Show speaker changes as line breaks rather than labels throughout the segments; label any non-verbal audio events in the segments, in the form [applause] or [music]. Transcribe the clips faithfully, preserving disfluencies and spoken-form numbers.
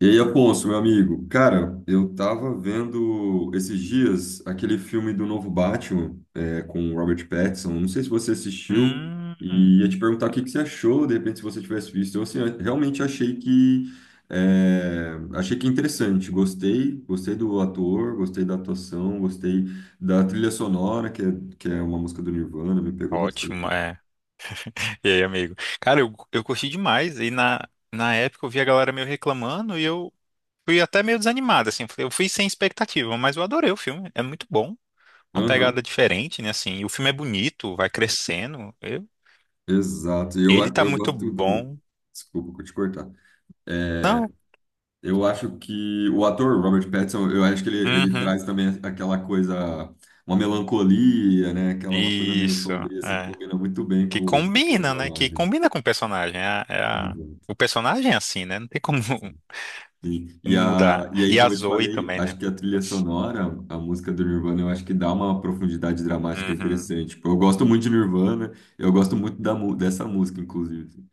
E aí, Afonso, meu amigo, cara, eu tava vendo esses dias aquele filme do novo Batman, é, com o Robert Pattinson. Não sei se você assistiu
Hum,
e ia te perguntar o que que você achou, de repente, se você tivesse visto. Eu, assim, eu realmente achei que é, achei que é interessante. Gostei, gostei do ator, gostei da atuação, gostei da trilha sonora, que é, que é uma música do Nirvana, me pegou
Ótimo,
bastante.
é. E aí, amigo? Cara, eu, eu curti demais. E na, na época eu vi a galera meio reclamando e eu fui até meio desanimado, assim. Eu fui sem expectativa, mas eu adorei o filme. É muito bom. Uma pegada
Aham,
diferente, né? Assim, e o filme é bonito, vai crescendo. Eu-
exato. E Eu,
ele tá
eu
muito
gosto do.
bom.
Desculpa, vou te cortar. É,
Não, é-
Eu acho que o ator Robert Pattinson, eu acho que ele, ele
Uhum.
traz também aquela coisa, uma melancolia, né? Aquela uma coisa meio
Isso,
sombria, assim, que
é.
combina muito bem
Que
com, com o
combina, né? Que
personagem.
combina com o personagem. É a- é a-
Exato,
o personagem é assim, né? Não tem como [laughs]
sim. Sim. E,
mudar.
a, e aí,
E a
como eu te
Zoe
falei,
também, né?
acho que a trilha sonora, a música do Nirvana, eu acho que dá uma profundidade dramática
Uhum.
interessante. Tipo, eu gosto muito de Nirvana, eu gosto muito da, mu- dessa música, inclusive.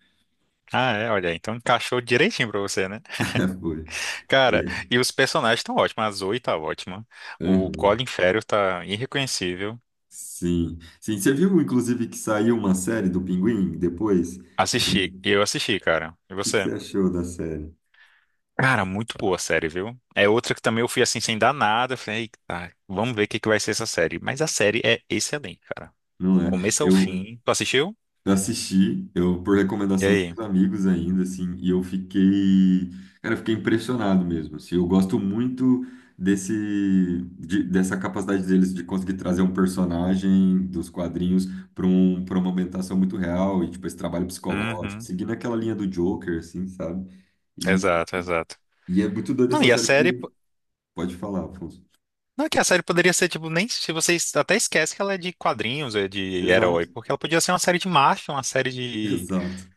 Ah, é, olha, então encaixou direitinho pra você, né?
[laughs] Foi.
Cara,
É.
e os personagens estão ótimos, a Zoe tá ótima, o
Uhum.
Colin Farrell tá irreconhecível.
Sim. Sim, você viu, inclusive, que saiu uma série do Pinguim depois?
Assisti, eu assisti, cara. E
que que você
você?
achou da série?
Cara, muito boa a série, viu? É outra que também eu fui assim sem dar nada, eu falei, eita, vamos ver o que que vai ser essa série. Mas a série é excelente, cara.
Não
Do
é?
começo ao
Eu
fim. Tu assistiu?
assisti, eu por
E
recomendação
aí?
dos amigos ainda, assim, e eu fiquei, cara, eu fiquei impressionado mesmo. Assim, eu gosto muito desse, de- dessa capacidade deles de conseguir trazer um personagem dos quadrinhos para um, para uma ambientação muito real e tipo esse trabalho psicológico,
Uhum,
seguindo aquela linha do Joker, assim, sabe? E,
exato, exato.
e é muito doido
Não,
essa
e a
série
série.
porque pode falar, Afonso.
Não, é que a série poderia ser, tipo, nem se vocês até esquece que ela é de quadrinhos, é de herói,
Exato,
porque ela podia ser uma série de marcha, uma série
[laughs]
de,
exato.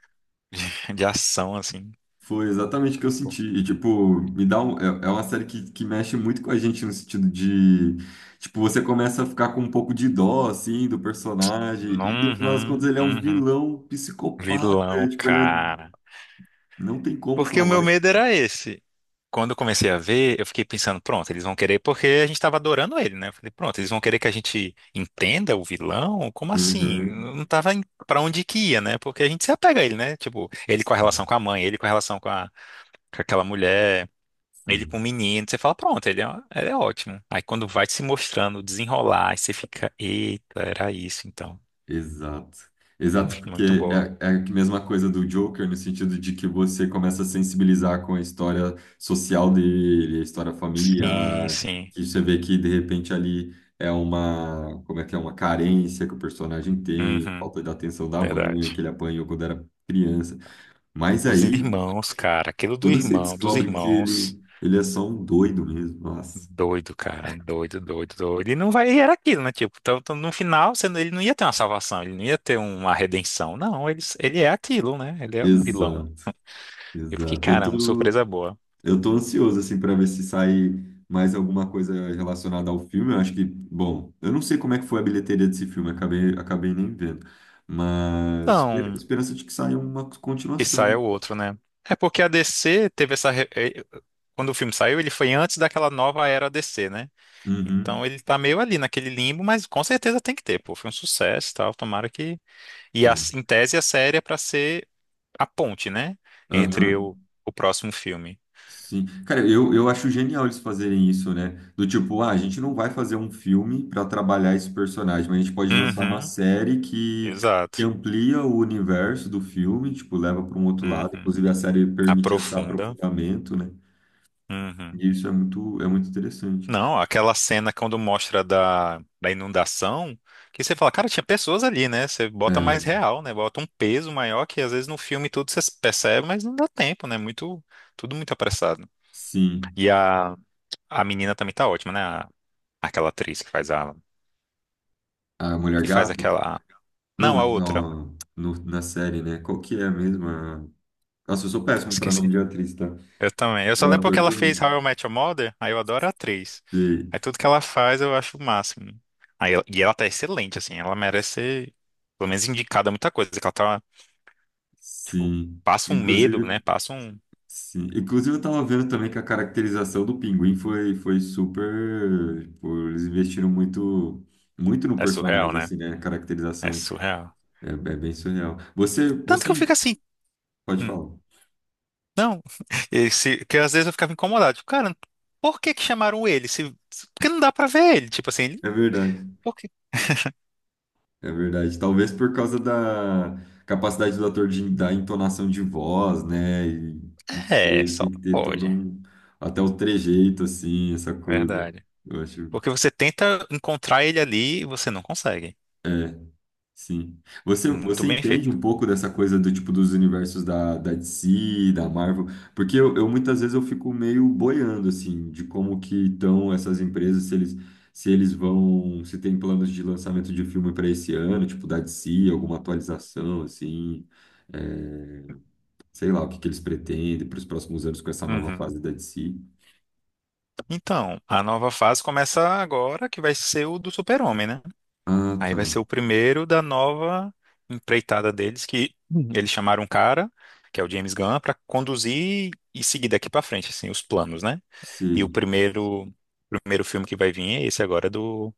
de ação, assim.
Foi exatamente o que eu
Pô.
senti. E, tipo, me dá um, é, é uma série que, que mexe muito com a gente no sentido de, tipo, você começa a ficar com um pouco de dó, assim, do personagem. E, no final das contas,
Uhum,
ele é um
uhum.
vilão psicopata.
Vilão,
Tipo, ele é-
cara.
não tem como
Porque o
salvar.
meu
Esse-
medo era esse. Quando eu comecei a ver, eu fiquei pensando, pronto, eles vão querer, porque a gente tava adorando ele, né? Eu falei, pronto, eles vão querer que a gente entenda o vilão? Como assim? Eu
Uhum.
Não tava em- pra onde que ia, né? Porque a gente se apega a ele, né? Tipo, ele com a relação
Sim,
com a mãe, ele com a relação com, a, com aquela mulher. Ele com
sim.
o menino, você fala, pronto, ele é, ele é ótimo. Aí quando vai se mostrando, desenrolar, aí você fica, eita, era isso então.
Exato. Exato, porque
Muito boa.
é, é a mesma coisa do Joker, no sentido de que você começa a sensibilizar com a história social dele, a história
Sim,
familiar,
sim.
que você vê que de repente ali é uma, como é que é, uma carência que o personagem tem,
Uhum,
falta da atenção da mãe,
verdade.
que ele apanhou quando era criança. Mas
Os
aí,
irmãos, cara, aquilo do
quando você
irmão, dos
descobre que
irmãos,
ele, ele é só um doido mesmo, nossa.
doido, cara, doido, doido, doido. E não vai, e era aquilo, né? Tipo, então, então, no final, você não- ele não ia ter uma salvação, ele não ia ter uma redenção. Não, ele, ele é aquilo, né? Ele é um vilão.
Exato,
Eu fiquei,
exato. Eu
caramba,
tô,
surpresa boa.
Eu tô ansioso, assim, para ver se sai mais alguma coisa relacionada ao filme. Eu acho que, bom, eu não sei como é que foi a bilheteria desse filme, acabei, acabei nem vendo. Mas esper-
Então.
esperança de que saia uma
Que saia
continuação.
o outro, né? É porque a D C teve essa. re- eh, Quando o filme saiu, ele foi antes daquela nova era D C, né?
Uhum,
Então ele tá meio ali naquele limbo, mas com certeza tem que ter, pô. Foi um sucesso e tal, tomara que. E a,
sim.
em tese a série é pra ser a ponte, né? Entre
Aham,
o, o próximo filme.
sim. Cara, eu, eu acho genial eles fazerem isso, né? Do tipo, ah, a gente não vai fazer um filme para trabalhar esse personagem, mas a gente pode lançar uma
Uhum,
série que,
exato.
que amplia o universo do filme, tipo, leva para um outro lado.
Uhum.
Inclusive, a série permite esse
Aprofunda.
aprofundamento, né?
Uhum.
E isso é muito, é muito interessante.
Não, aquela cena quando mostra da, da inundação, que você fala, cara, tinha pessoas ali, né? Você bota mais
É,
real, né? Bota um peso maior que às vezes no filme tudo você percebe, mas não dá tempo, né? Muito, tudo muito apressado.
sim,
E a, a menina também tá ótima, né? A- aquela atriz que faz a,
a Mulher
que faz
Gato?
aquela,
Não,
não, a outra.
ó, no- na série, né? Qual que é mesmo? A- mesma? Nossa, eu sou
Ah,
péssimo para
esqueci.
nome de atriz, tá?
Eu também. Eu só
E
lembro que
ator
ela fez
também.
How I Met Your Mother, aí eu adoro a atriz.
E-
Aí tudo que ela faz eu acho o máximo. Aí, ela- e ela tá excelente, assim, ela merece ser, pelo menos indicada a muita coisa, que ela tá. Tipo,
sim.
passa um medo,
Inclusive,
né? Passa um.
sim. Inclusive, eu tava vendo também que a caracterização do Pinguim foi, foi super. Tipo, eles investiram muito. Muito no
É surreal,
personagem,
né?
assim, né? A
É
caracterização
surreal.
é, é bem surreal. Você,
Tanto que eu
você
fico assim.
pode
hum,
falar.
não. [laughs] Esse, que às vezes eu ficava incomodado. Tipo, cara, por que que chamaram ele? Se, se- porque não dá pra ver ele. Tipo assim, ele-
É verdade.
porque.
É verdade. Talvez por causa da capacidade do ator de dar entonação de voz, né? E, não
É,
sei, tem
só
que ter todo
pode.
um. Até o trejeito, assim, essa coisa.
Verdade.
Eu acho.
Porque você tenta encontrar ele ali e você não consegue.
É, sim. Você,
Muito
você
bem
entende
feito.
um pouco dessa coisa do tipo dos universos da, da D C, da Marvel? Porque eu, eu muitas vezes eu fico meio boiando assim de como que estão essas empresas, se eles se eles vão, se tem planos de lançamento de filme para esse ano, tipo da D C, alguma atualização assim, é, sei lá o que que eles pretendem para os próximos anos com essa nova fase
Uhum.
da D C.
Então, a nova fase começa agora, que vai ser o do Super-Homem, né?
Ah,
Aí
tá.
vai ser o primeiro da nova empreitada deles, que Uhum. eles chamaram um cara, que é o James Gunn, para conduzir e seguir daqui para frente, assim, os planos, né? E o
Sim.
primeiro, o primeiro filme que vai vir é esse agora do,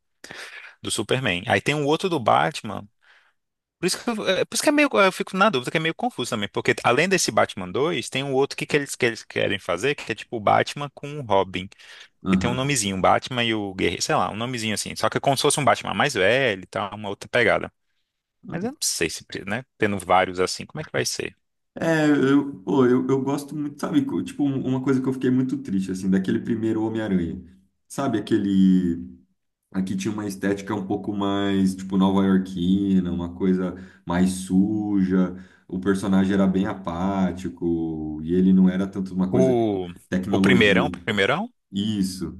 do Superman. Aí tem um outro do Batman. Por isso que, eu- é, por isso que é meio, eu fico na dúvida, que é meio confuso também, porque além desse Batman dois tem um outro que, que, eles, que eles querem fazer, que é tipo o Batman com o Robin, que tem um
Aham.
nomezinho, o Batman e o Guerreiro, sei lá, um nomezinho assim, só que é como se fosse um Batman mais velho e tal, uma outra pegada. Mas eu não sei se, pre- né? Tendo vários assim, como é que vai ser?
É, eu, pô, eu, eu gosto muito, sabe? co- Tipo, um- uma coisa que eu fiquei muito triste, assim, daquele primeiro Homem-Aranha. Sabe, aquele. Aqui tinha uma estética um pouco mais, tipo, nova-iorquina, uma coisa mais suja. O personagem era bem apático e ele não era tanto uma coisa, tipo,
O, o
tecnologia.
primeirão, primeirão?
Isso,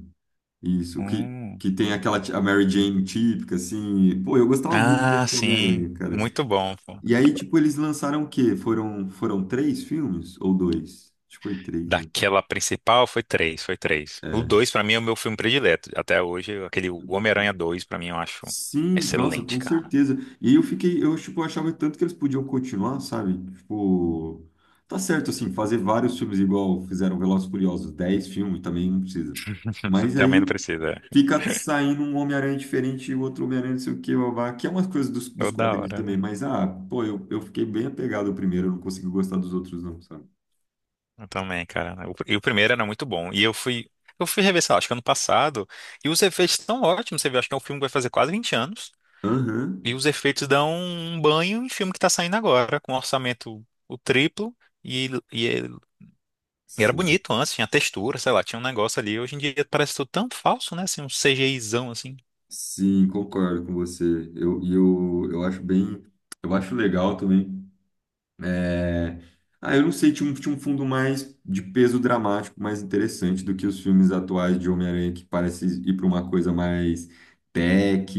isso. Que,
Hum.
que tem aquela ti- a Mary Jane típica, assim. Pô, eu gostava muito
Ah,
desse
sim.
Homem-Aranha, cara.
Muito bom. Pô.
E aí, tipo, eles lançaram o quê? Foram, foram três filmes? Ou dois? Acho que foi três, né?
Daquela principal foi três, foi três. O dois, pra mim, é o meu filme predileto. Até hoje, aquele Homem-Aranha dois, pra mim, eu acho
Sim, nossa,
excelente,
com
cara.
certeza. E aí eu fiquei, eu, tipo, achava tanto que eles podiam continuar, sabe? Tipo, tá certo, assim, fazer vários filmes igual fizeram Velozes e Furiosos, dez filmes também não precisa.
[laughs]
Mas
Também não
aí
precisa.
fica
[laughs]
saindo um Homem-Aranha diferente e o outro Homem-Aranha não sei o que babá, que é umas coisas dos, dos
Toda
quadrinhos
hora,
também.
né?
Mas, ah, pô, eu, eu fiquei bem apegado ao primeiro, eu não consegui gostar dos outros não, sabe?
Eu também, cara. O- E o primeiro era muito bom. E eu fui. Eu fui rever, sei lá, acho que ano passado. E os efeitos estão ótimos. Você vê, acho que é um filme que vai fazer quase vinte anos. E
Aham,
os efeitos dão um banho em filme que tá saindo agora, com um orçamento o triplo, e, e, é- e era
sim.
bonito antes, tinha textura, sei lá, tinha um negócio ali. Hoje em dia parece tudo tão falso, né? Assim, um CGIzão assim.
Sim, concordo com você. Eu, e eu, eu acho bem, eu acho legal também. É, ah, eu não sei, tinha um, tinha um fundo mais de peso dramático, mais interessante do que os filmes atuais de Homem-Aranha, que parece ir para uma coisa mais tech,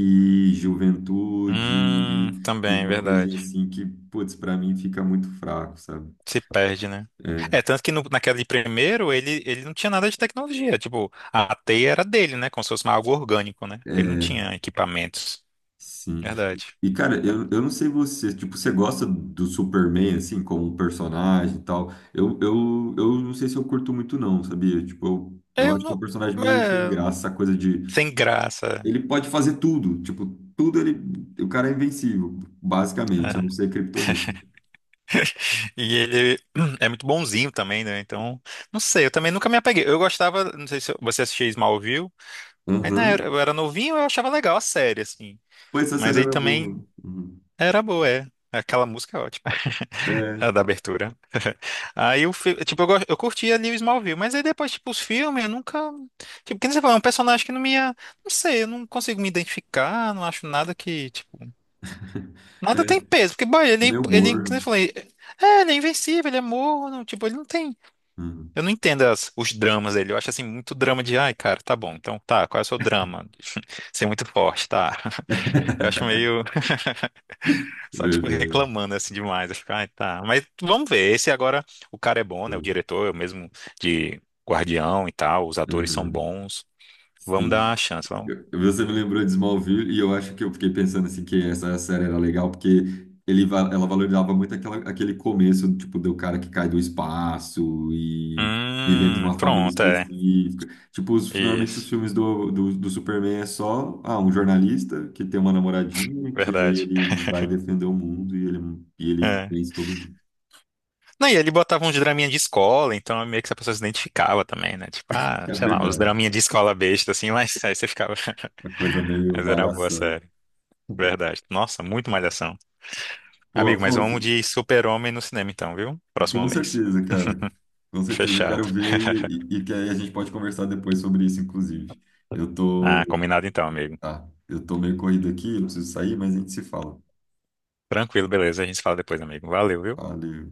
juventude,
Hum,
e
também,
uma coisinha
verdade.
assim que, putz, para mim fica muito fraco, sabe?
Se perde, né?
É.
É, tanto que no- naquela de primeiro, ele, ele não tinha nada de tecnologia. Tipo, a teia era dele, né? Como se fosse algo orgânico, né? Ele não
É.
tinha equipamentos.
Sim.
Verdade.
E, cara,
Tá.
eu, eu não sei você, tipo, você gosta do Superman, assim, como um personagem e tal? Eu, eu, eu não sei se eu curto muito, não, sabia? Tipo, eu, eu
Eu
acho que é um
não.
personagem meio sem
É,
graça, essa coisa de...
sem graça.
Ele pode fazer tudo, tipo, tudo ele... O cara é invencível, basicamente, a não
É.
ser Kryptonita.
E ele [clears throat] é muito bonzinho também, né? Então, não sei, eu também nunca me apeguei. Eu gostava, não sei se você assistia Smallville. Aí na
Aham.
eu era novinho, eu achava legal a série, assim.
Pô, essa
Mas
série
aí
era boa.
também
Uhum.
era boa, é. Aquela música é ótima, [laughs]
É,
a da abertura. [laughs] Aí o fi- tipo, eu, go- Eu curtia ali o Smallville, mas aí depois, tipo, os filmes, eu nunca. Tipo, que nem você falou, é um personagem que não me. ia- Não sei, eu não consigo me identificar, não acho nada que, tipo. Nada tem
é.
peso, porque, boy, ele,
Meu
ele, que
humor.
nem eu falei, é, ele é invencível, ele é morno, tipo, ele não tem.
Uhum.
Eu não entendo as- os dramas dele. Eu acho assim muito drama de, ai, cara, tá bom. Então, tá, qual é o seu drama? Ser muito forte, tá. [laughs] Eu
[laughs]
acho meio [laughs] só tipo
Verdade.
reclamando assim demais. Eu fico, ai, tá. Mas vamos ver. Esse agora o cara é bom, né? O diretor é o mesmo de Guardião e tal, os atores são
Uhum.
bons. Vamos
Sim.
dar uma chance, vamos.
Eu- você me lembrou de Smallville e eu acho que eu fiquei pensando assim que essa série era legal porque ele, va- ela valorizava muito aquela, aquele começo, tipo, do cara que cai do espaço e ele entra em
Hum,
uma família
pronto, é.
específica. Tipo, os- normalmente os
Isso.
filmes do, do, do Superman é só, ah, um jornalista que tem uma namoradinha que aí
Verdade.
ele vai defender o mundo e ele, e ele
É.
vence todo mundo.
Não, e ele botava uns draminha de escola, então meio que a pessoa se identificava também, né? Tipo, ah,
É
sei lá, uns
verdade,
draminha de escola besta, assim, mas [laughs] aí você ficava.
uma coisa
[laughs]
meio
Mas era uma boa
malhação.
série, verdade. Nossa, muito malhação.
Pô,
Amigo, mas
Afonso,
vamos de Super-Homem no cinema então, viu? Próximo
com
mês.
certeza, cara. Com certeza, quero
Fechado.
ver e, e, e que aí a gente pode conversar depois sobre isso, inclusive. Eu
Ah,
tô,
combinado então, amigo.
tá, eu tô meio corrido aqui, eu preciso sair, mas a gente se fala.
Tranquilo, beleza. A gente se fala depois, amigo. Valeu, viu?
Valeu.